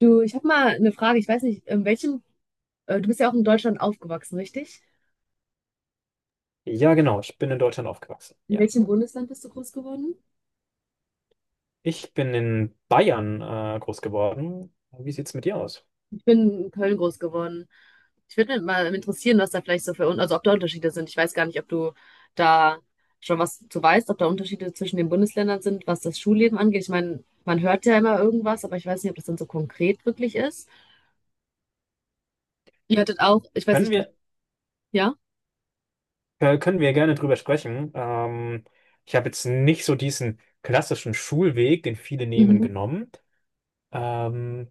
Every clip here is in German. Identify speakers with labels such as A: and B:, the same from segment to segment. A: Du, ich habe mal eine Frage. Ich weiß nicht, in welchem, du bist ja auch in Deutschland aufgewachsen, richtig?
B: Ja, genau. Ich bin in Deutschland aufgewachsen.
A: In
B: Ja.
A: welchem Bundesland bist du groß geworden?
B: Ich bin in Bayern groß geworden. Wie sieht's mit dir aus?
A: Ich bin in Köln groß geworden. Ich würde mal interessieren, was da vielleicht so für, also ob da Unterschiede sind. Ich weiß gar nicht, ob du da schon was zu weißt, ob da Unterschiede zwischen den Bundesländern sind, was das Schulleben angeht. Ich meine, man hört ja immer irgendwas, aber ich weiß nicht, ob das dann so konkret wirklich ist. Ihr hattet auch, ich weiß
B: Können
A: nicht, du,
B: wir,
A: ja?
B: Können wir gerne drüber sprechen. Ich habe jetzt nicht so diesen klassischen Schulweg, den viele nehmen,
A: Mhm.
B: genommen. Ähm,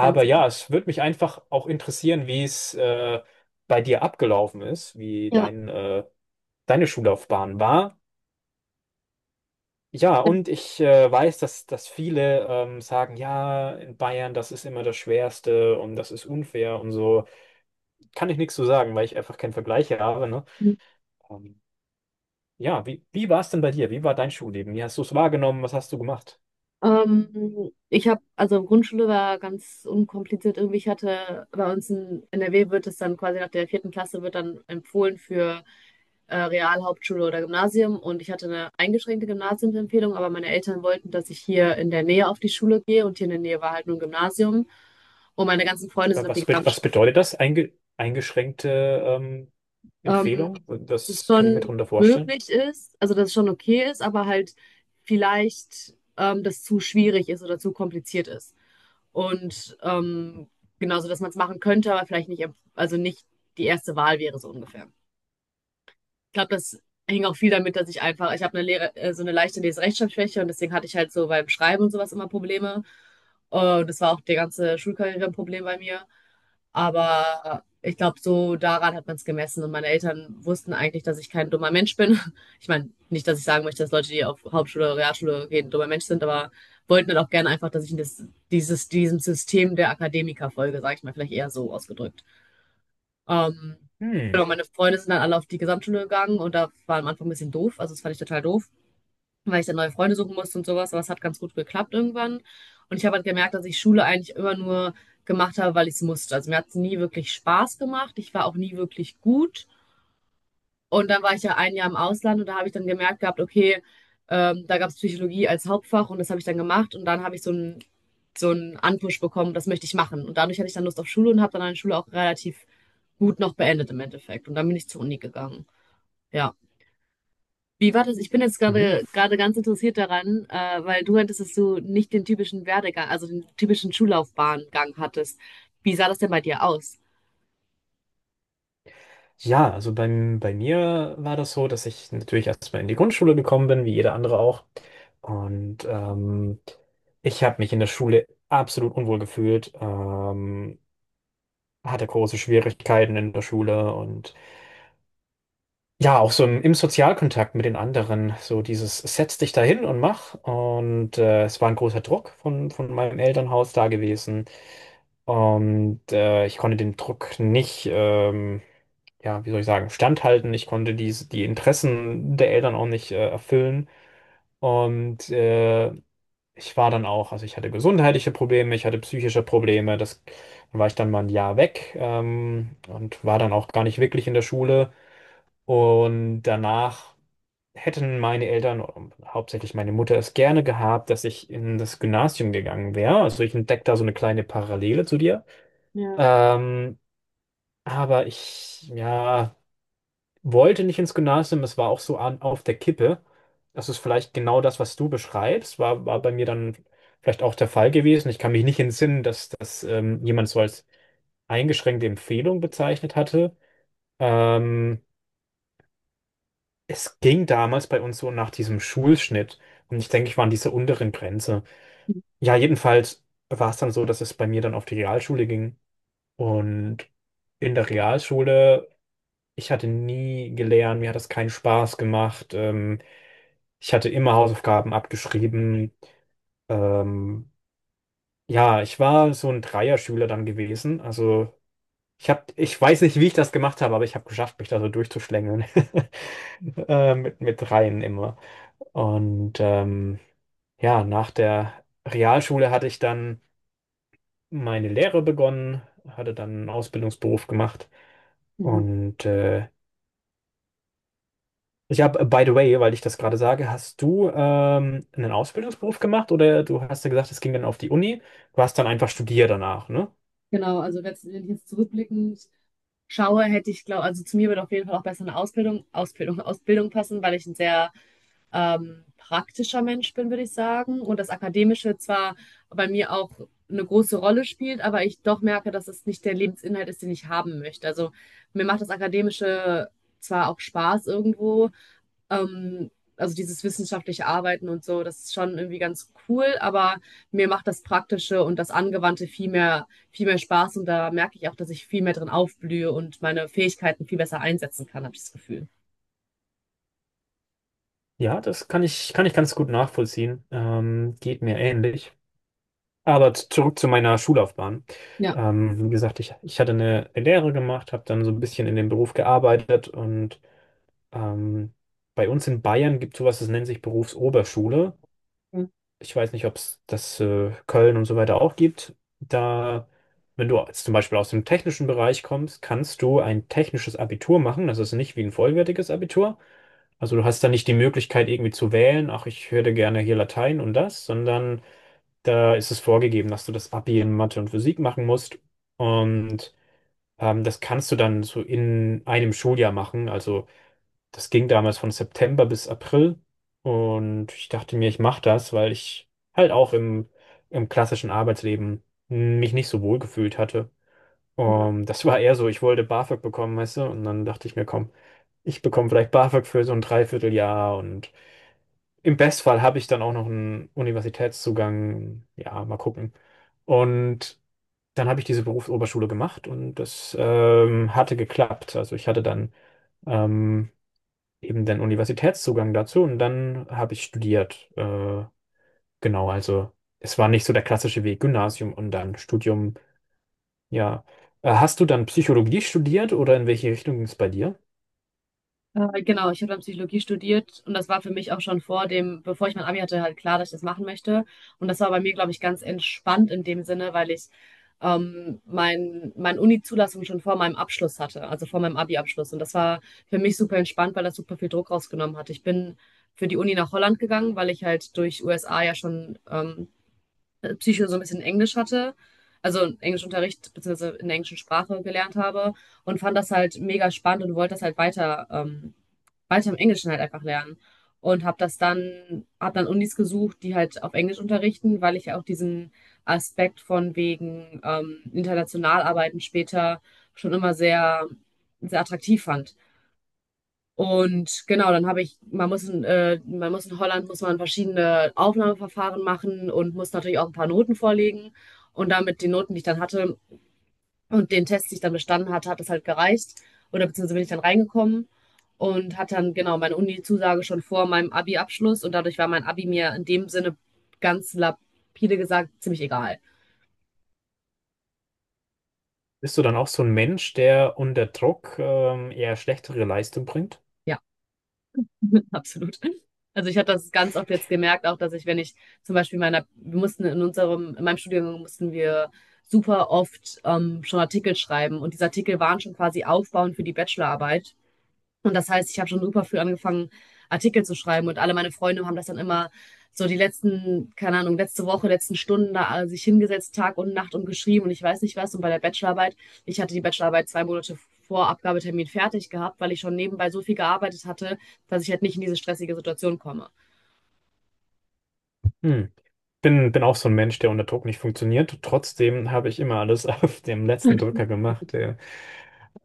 A: Dann ist,
B: ja, es würde mich einfach auch interessieren, wie es bei dir abgelaufen ist, wie
A: ja.
B: deine Schullaufbahn war. Ja, und ich weiß, dass viele sagen, ja, in Bayern, das ist immer das Schwerste und das ist unfair und so. Kann ich nichts zu sagen, weil ich einfach keinen Vergleich habe, ne? Ähm, ja, wie war es denn bei dir? Wie war dein Schulleben? Wie hast du es wahrgenommen? Was hast du gemacht?
A: Ich habe, also Grundschule war ganz unkompliziert irgendwie. Ich hatte bei uns in NRW wird es dann quasi nach der vierten Klasse wird dann empfohlen für Real, Hauptschule oder Gymnasium. Und ich hatte eine eingeschränkte Gymnasiumsempfehlung, aber meine Eltern wollten, dass ich hier in der Nähe auf die Schule gehe und hier in der Nähe war halt nur ein Gymnasium. Und meine ganzen Freunde sind auf
B: Was,
A: die
B: was bedeutet das? Eingeschränkte ähm,
A: Gesamtschule.
B: Empfehlung?
A: Dass es
B: Das kann ich mir
A: schon
B: darunter vorstellen.
A: möglich ist, also dass es schon okay ist, aber halt vielleicht das zu schwierig ist oder zu kompliziert ist. Und genauso, dass man es machen könnte, aber vielleicht nicht, also nicht die erste Wahl wäre so ungefähr. Ich glaube, das hing auch viel damit, dass ich einfach, ich habe eine Lehre, so eine leichte Leserechtschreibschwäche und deswegen hatte ich halt so beim Schreiben und sowas immer Probleme. Und das war auch die ganze Schulkarriere ein Problem bei mir. Aber ich glaube, so daran hat man es gemessen. Und meine Eltern wussten eigentlich, dass ich kein dummer Mensch bin. Ich meine, nicht, dass ich sagen möchte, dass Leute, die auf Hauptschule, Realschule gehen, ein dummer Mensch sind, aber wollten dann auch gerne einfach, dass ich in das, dieses, diesem System der Akademiker folge, sage ich mal, vielleicht eher so ausgedrückt. Ähm,
B: Hm.
A: genau, meine Freunde sind dann alle auf die Gesamtschule gegangen und da war am Anfang ein bisschen doof. Also das fand ich total doof, weil ich dann neue Freunde suchen musste und sowas, aber es hat ganz gut geklappt irgendwann. Und ich habe halt gemerkt, dass ich Schule eigentlich immer nur gemacht habe, weil ich es musste. Also mir hat es nie wirklich Spaß gemacht. Ich war auch nie wirklich gut. Und dann war ich ja ein Jahr im Ausland und da habe ich dann gemerkt gehabt, okay, da gab es Psychologie als Hauptfach und das habe ich dann gemacht und dann habe ich so einen Anpush bekommen, das möchte ich machen. Und dadurch hatte ich dann Lust auf Schule und habe dann meine Schule auch relativ gut noch beendet im Endeffekt. Und dann bin ich zur Uni gegangen. Ja. Wie war das? Ich bin jetzt
B: Mhm.
A: gerade ganz interessiert daran, weil du hattest, dass du nicht den typischen Werdegang, also den typischen Schullaufbahngang hattest. Wie sah das denn bei dir aus?
B: Ja, also bei mir war das so, dass ich natürlich erstmal in die Grundschule gekommen bin, wie jeder andere auch. Und ich habe mich in der Schule absolut unwohl gefühlt, hatte große Schwierigkeiten in der Schule und ja, auch so im Sozialkontakt mit den anderen, so dieses setz dich dahin und mach. Und es war ein großer Druck von meinem Elternhaus da gewesen und ich konnte den Druck nicht ja, wie soll ich sagen, standhalten. Ich konnte die Interessen der Eltern auch nicht erfüllen. Und äh, Ich war dann auch, also ich hatte gesundheitliche Probleme, ich hatte psychische Probleme. Das, dann war ich dann mal ein Jahr weg und war dann auch gar nicht wirklich in der Schule. Und danach hätten meine Eltern, hauptsächlich meine Mutter, es gerne gehabt, dass ich in das Gymnasium gegangen wäre. Also ich entdecke da so eine kleine Parallele zu dir.
A: Ja,
B: Ähm, aber ich, ja, wollte nicht ins Gymnasium, es war auch so an, auf der Kippe. Das ist vielleicht genau das, was du beschreibst, war bei mir dann vielleicht auch der Fall gewesen. Ich kann mich nicht entsinnen, dass das jemand so als eingeschränkte Empfehlung bezeichnet hatte. Ähm, Es ging damals bei uns so nach diesem Schulschnitt und ich denke, ich war an dieser unteren Grenze. Ja, jedenfalls war es dann so, dass es bei mir dann auf die Realschule ging und in der Realschule, ich hatte nie gelernt, mir hat das keinen Spaß gemacht. Ich hatte immer Hausaufgaben abgeschrieben. Ähm, ja, ich war so ein Dreierschüler dann gewesen. Also ich hab, ich weiß nicht, wie ich das gemacht habe, aber ich habe geschafft, mich da so durchzuschlängeln. Mit mit Dreien immer. Und ja, nach der Realschule hatte ich dann meine Lehre begonnen, hatte dann einen Ausbildungsberuf gemacht
A: mhm.
B: und ich habe, by the way, weil ich das gerade sage, hast du einen Ausbildungsberuf gemacht oder du hast ja gesagt, es ging dann auf die Uni, du hast dann einfach studiert danach, ne?
A: Genau. Wenn ich jetzt zurückblickend schaue, hätte ich glaube, also zu mir würde auf jeden Fall auch besser eine Ausbildung passen, weil ich ein sehr praktischer Mensch bin, würde ich sagen. Und das Akademische zwar bei mir auch eine große Rolle spielt, aber ich doch merke, dass es nicht der Lebensinhalt ist, den ich haben möchte. Also mir macht das Akademische zwar auch Spaß irgendwo, also dieses wissenschaftliche Arbeiten und so, das ist schon irgendwie ganz cool, aber mir macht das Praktische und das Angewandte viel mehr Spaß und da merke ich auch, dass ich viel mehr drin aufblühe und meine Fähigkeiten viel besser einsetzen kann, habe ich das Gefühl.
B: Ja, das kann kann ich ganz gut nachvollziehen. Geht mir ähnlich. Aber zurück zu meiner Schullaufbahn.
A: Ja.
B: Wie gesagt, ich hatte eine Lehre gemacht, habe dann so ein bisschen in dem Beruf gearbeitet und ähm, bei uns in Bayern gibt es sowas, das nennt sich Berufsoberschule. Ich weiß nicht, ob es das Köln und so weiter auch gibt. Da, wenn du jetzt zum Beispiel aus dem technischen Bereich kommst, kannst du ein technisches Abitur machen. Das ist nicht wie ein vollwertiges Abitur. Also du hast da nicht die Möglichkeit irgendwie zu wählen, ach, ich hätte gerne hier Latein und das, sondern da ist es vorgegeben, dass du das Abi in Mathe und Physik machen musst. Und das kannst du dann so in einem Schuljahr machen. Also das ging damals von September bis April. Und ich dachte mir, ich mache das, weil ich halt auch im klassischen Arbeitsleben mich nicht so wohl gefühlt hatte.
A: Ja.
B: Das war eher so, ich wollte BAföG bekommen, weißt du? Und dann dachte ich mir, komm, ich bekomme vielleicht BAföG für so ein Dreivierteljahr. Und im Bestfall habe ich dann auch noch einen Universitätszugang. Ja, mal gucken. Und dann habe ich diese Berufsoberschule gemacht und das hatte geklappt. Also ich hatte dann ähm, eben den Universitätszugang dazu und dann habe ich studiert. Genau, also es war nicht so der klassische Weg, Gymnasium und dann Studium. Ja, hast du dann Psychologie studiert oder in welche Richtung ging es bei dir?
A: Genau, ich habe dann Psychologie studiert und das war für mich auch schon vor dem, bevor ich mein Abi hatte, halt klar, dass ich das machen möchte. Und das war bei mir, glaube ich, ganz entspannt in dem Sinne, weil ich meine Uni-Zulassung schon vor meinem Abschluss hatte, also vor meinem Abi-Abschluss. Und das war für mich super entspannt, weil das super viel Druck rausgenommen hat. Ich bin für die Uni nach Holland gegangen, weil ich halt durch USA ja schon Psycho so ein bisschen Englisch hatte, also einen Englischunterricht beziehungsweise in der englischen Sprache gelernt habe und fand das halt mega spannend und wollte das halt weiter, weiter im Englischen halt einfach lernen. Und habe dann Unis gesucht, die halt auf Englisch unterrichten, weil ich ja auch diesen Aspekt von wegen international arbeiten später schon immer sehr attraktiv fand. Und genau, man muss man muss in Holland, muss man verschiedene Aufnahmeverfahren machen und muss natürlich auch ein paar Noten vorlegen. Und damit die Noten, die ich dann hatte und den Test, den ich dann bestanden hatte, hat das halt gereicht. Oder beziehungsweise bin ich dann reingekommen und hatte dann genau meine Uni-Zusage schon vor meinem Abi-Abschluss. Und dadurch war mein Abi mir in dem Sinne ganz lapide gesagt ziemlich egal.
B: Bist du dann auch so ein Mensch, der unter Druck eher schlechtere Leistung bringt?
A: Ja. Absolut. Also ich habe das ganz oft jetzt gemerkt, auch dass ich, wenn ich zum Beispiel meiner, wir mussten in unserem, in meinem Studium mussten wir super oft schon Artikel schreiben und diese Artikel waren schon quasi aufbauend für die Bachelorarbeit. Und das heißt, ich habe schon super früh angefangen, Artikel zu schreiben und alle meine Freunde haben das dann immer so die letzten, keine Ahnung, letzte Woche, letzten Stunden da sich hingesetzt, Tag und Nacht und geschrieben und ich weiß nicht was. Und bei der Bachelorarbeit, ich hatte die Bachelorarbeit zwei Monate vor Abgabetermin fertig gehabt, weil ich schon nebenbei so viel gearbeitet hatte, dass ich halt nicht in diese stressige Situation komme.
B: Hm. Bin auch so ein Mensch, der unter Druck nicht funktioniert. Trotzdem habe ich immer alles auf dem letzten Drücker gemacht.
A: Ich
B: Ja.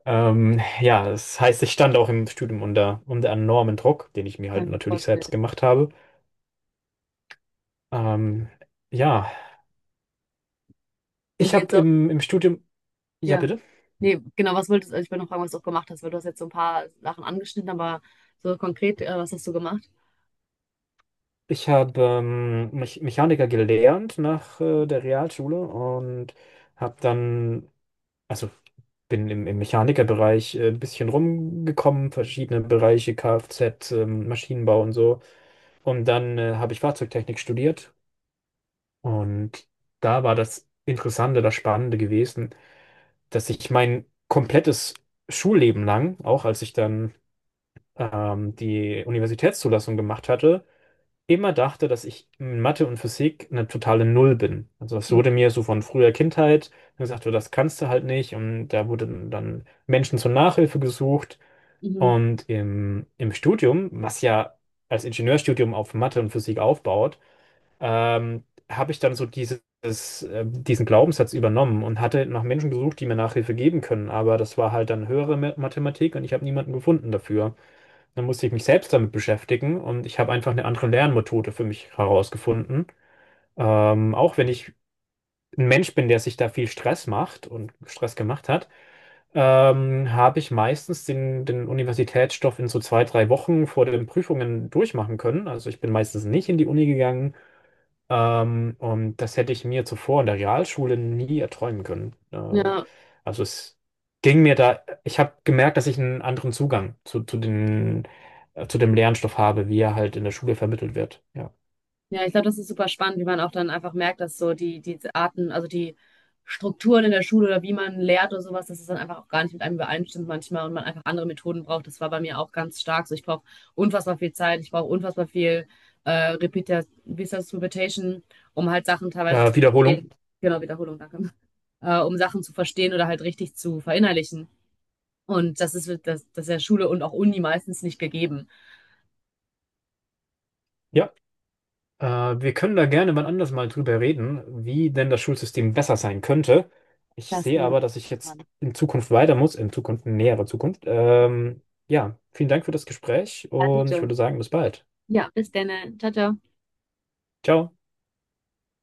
B: Ja, das heißt, ich stand auch im Studium unter enormen Druck, den ich mir halt
A: kann mir
B: natürlich
A: vorstellen.
B: selbst gemacht habe. Ähm, ja,
A: Wenn
B: ich
A: du jetzt
B: habe
A: auch,
B: im Studium, ja
A: ja.
B: bitte,
A: Nee, genau, was wolltest du, ich wollte noch fragen, was du auch gemacht hast, weil du hast jetzt so ein paar Sachen angeschnitten, aber so konkret, was hast du gemacht?
B: ich habe Mechaniker gelernt nach der Realschule und habe dann, also bin im Mechanikerbereich ein bisschen rumgekommen, verschiedene Bereiche, Kfz, Maschinenbau und so. Und dann habe ich Fahrzeugtechnik studiert und da war das Interessante, das Spannende gewesen, dass ich mein komplettes Schulleben lang, auch als ich dann die Universitätszulassung gemacht hatte, immer dachte, dass ich in Mathe und Physik eine totale Null bin. Also das wurde mir so von früher Kindheit gesagt, du, das kannst du halt nicht. Und da wurden dann Menschen zur Nachhilfe gesucht.
A: Mhm.
B: Und im Studium, was ja als Ingenieurstudium auf Mathe und Physik aufbaut, ähm, habe ich dann so dieses, diesen Glaubenssatz übernommen und hatte nach Menschen gesucht, die mir Nachhilfe geben können. Aber das war halt dann höhere Mathematik und ich habe niemanden gefunden dafür. Dann musste ich mich selbst damit beschäftigen und ich habe einfach eine andere Lernmethode für mich herausgefunden. Auch wenn ich ein Mensch bin, der sich da viel Stress macht und Stress gemacht hat, habe ich meistens den Universitätsstoff in so zwei, drei Wochen vor den Prüfungen durchmachen können. Also ich bin meistens nicht in die Uni gegangen, und das hätte ich mir zuvor in der Realschule nie erträumen können.
A: Ja,
B: Also es ging mir da, ich habe gemerkt, dass ich einen anderen Zugang zu den, zu dem Lernstoff habe, wie er halt in der Schule vermittelt wird. Ja.
A: ja, ich glaube, das ist super spannend, wie man auch dann einfach merkt, dass so die Arten, also die Strukturen in der Schule oder wie man lehrt oder sowas, dass es dann einfach auch gar nicht mit einem übereinstimmt manchmal und man einfach andere Methoden braucht. Das war bei mir auch ganz stark so. Ich brauche unfassbar viel Zeit, ich brauche unfassbar viel äh, Repeat, wie ist das, Repetition, um halt Sachen teilweise zu
B: Wiederholung.
A: verstehen. Genau, Wiederholung, danke. Um Sachen zu verstehen oder halt richtig zu verinnerlichen. Und das ist der Schule und auch Uni meistens nicht gegeben.
B: Ja. Äh, Wir können da gerne wann anders mal drüber reden, wie denn das Schulsystem besser sein könnte. Ich
A: Das
B: sehe
A: genau.
B: aber, dass ich jetzt in Zukunft weiter muss, in Zukunft, in näherer Zukunft. Ja, vielen Dank für das Gespräch und ich
A: Adito.
B: würde sagen, bis bald.
A: Ja, bis dann. Ciao, ciao.
B: Ciao.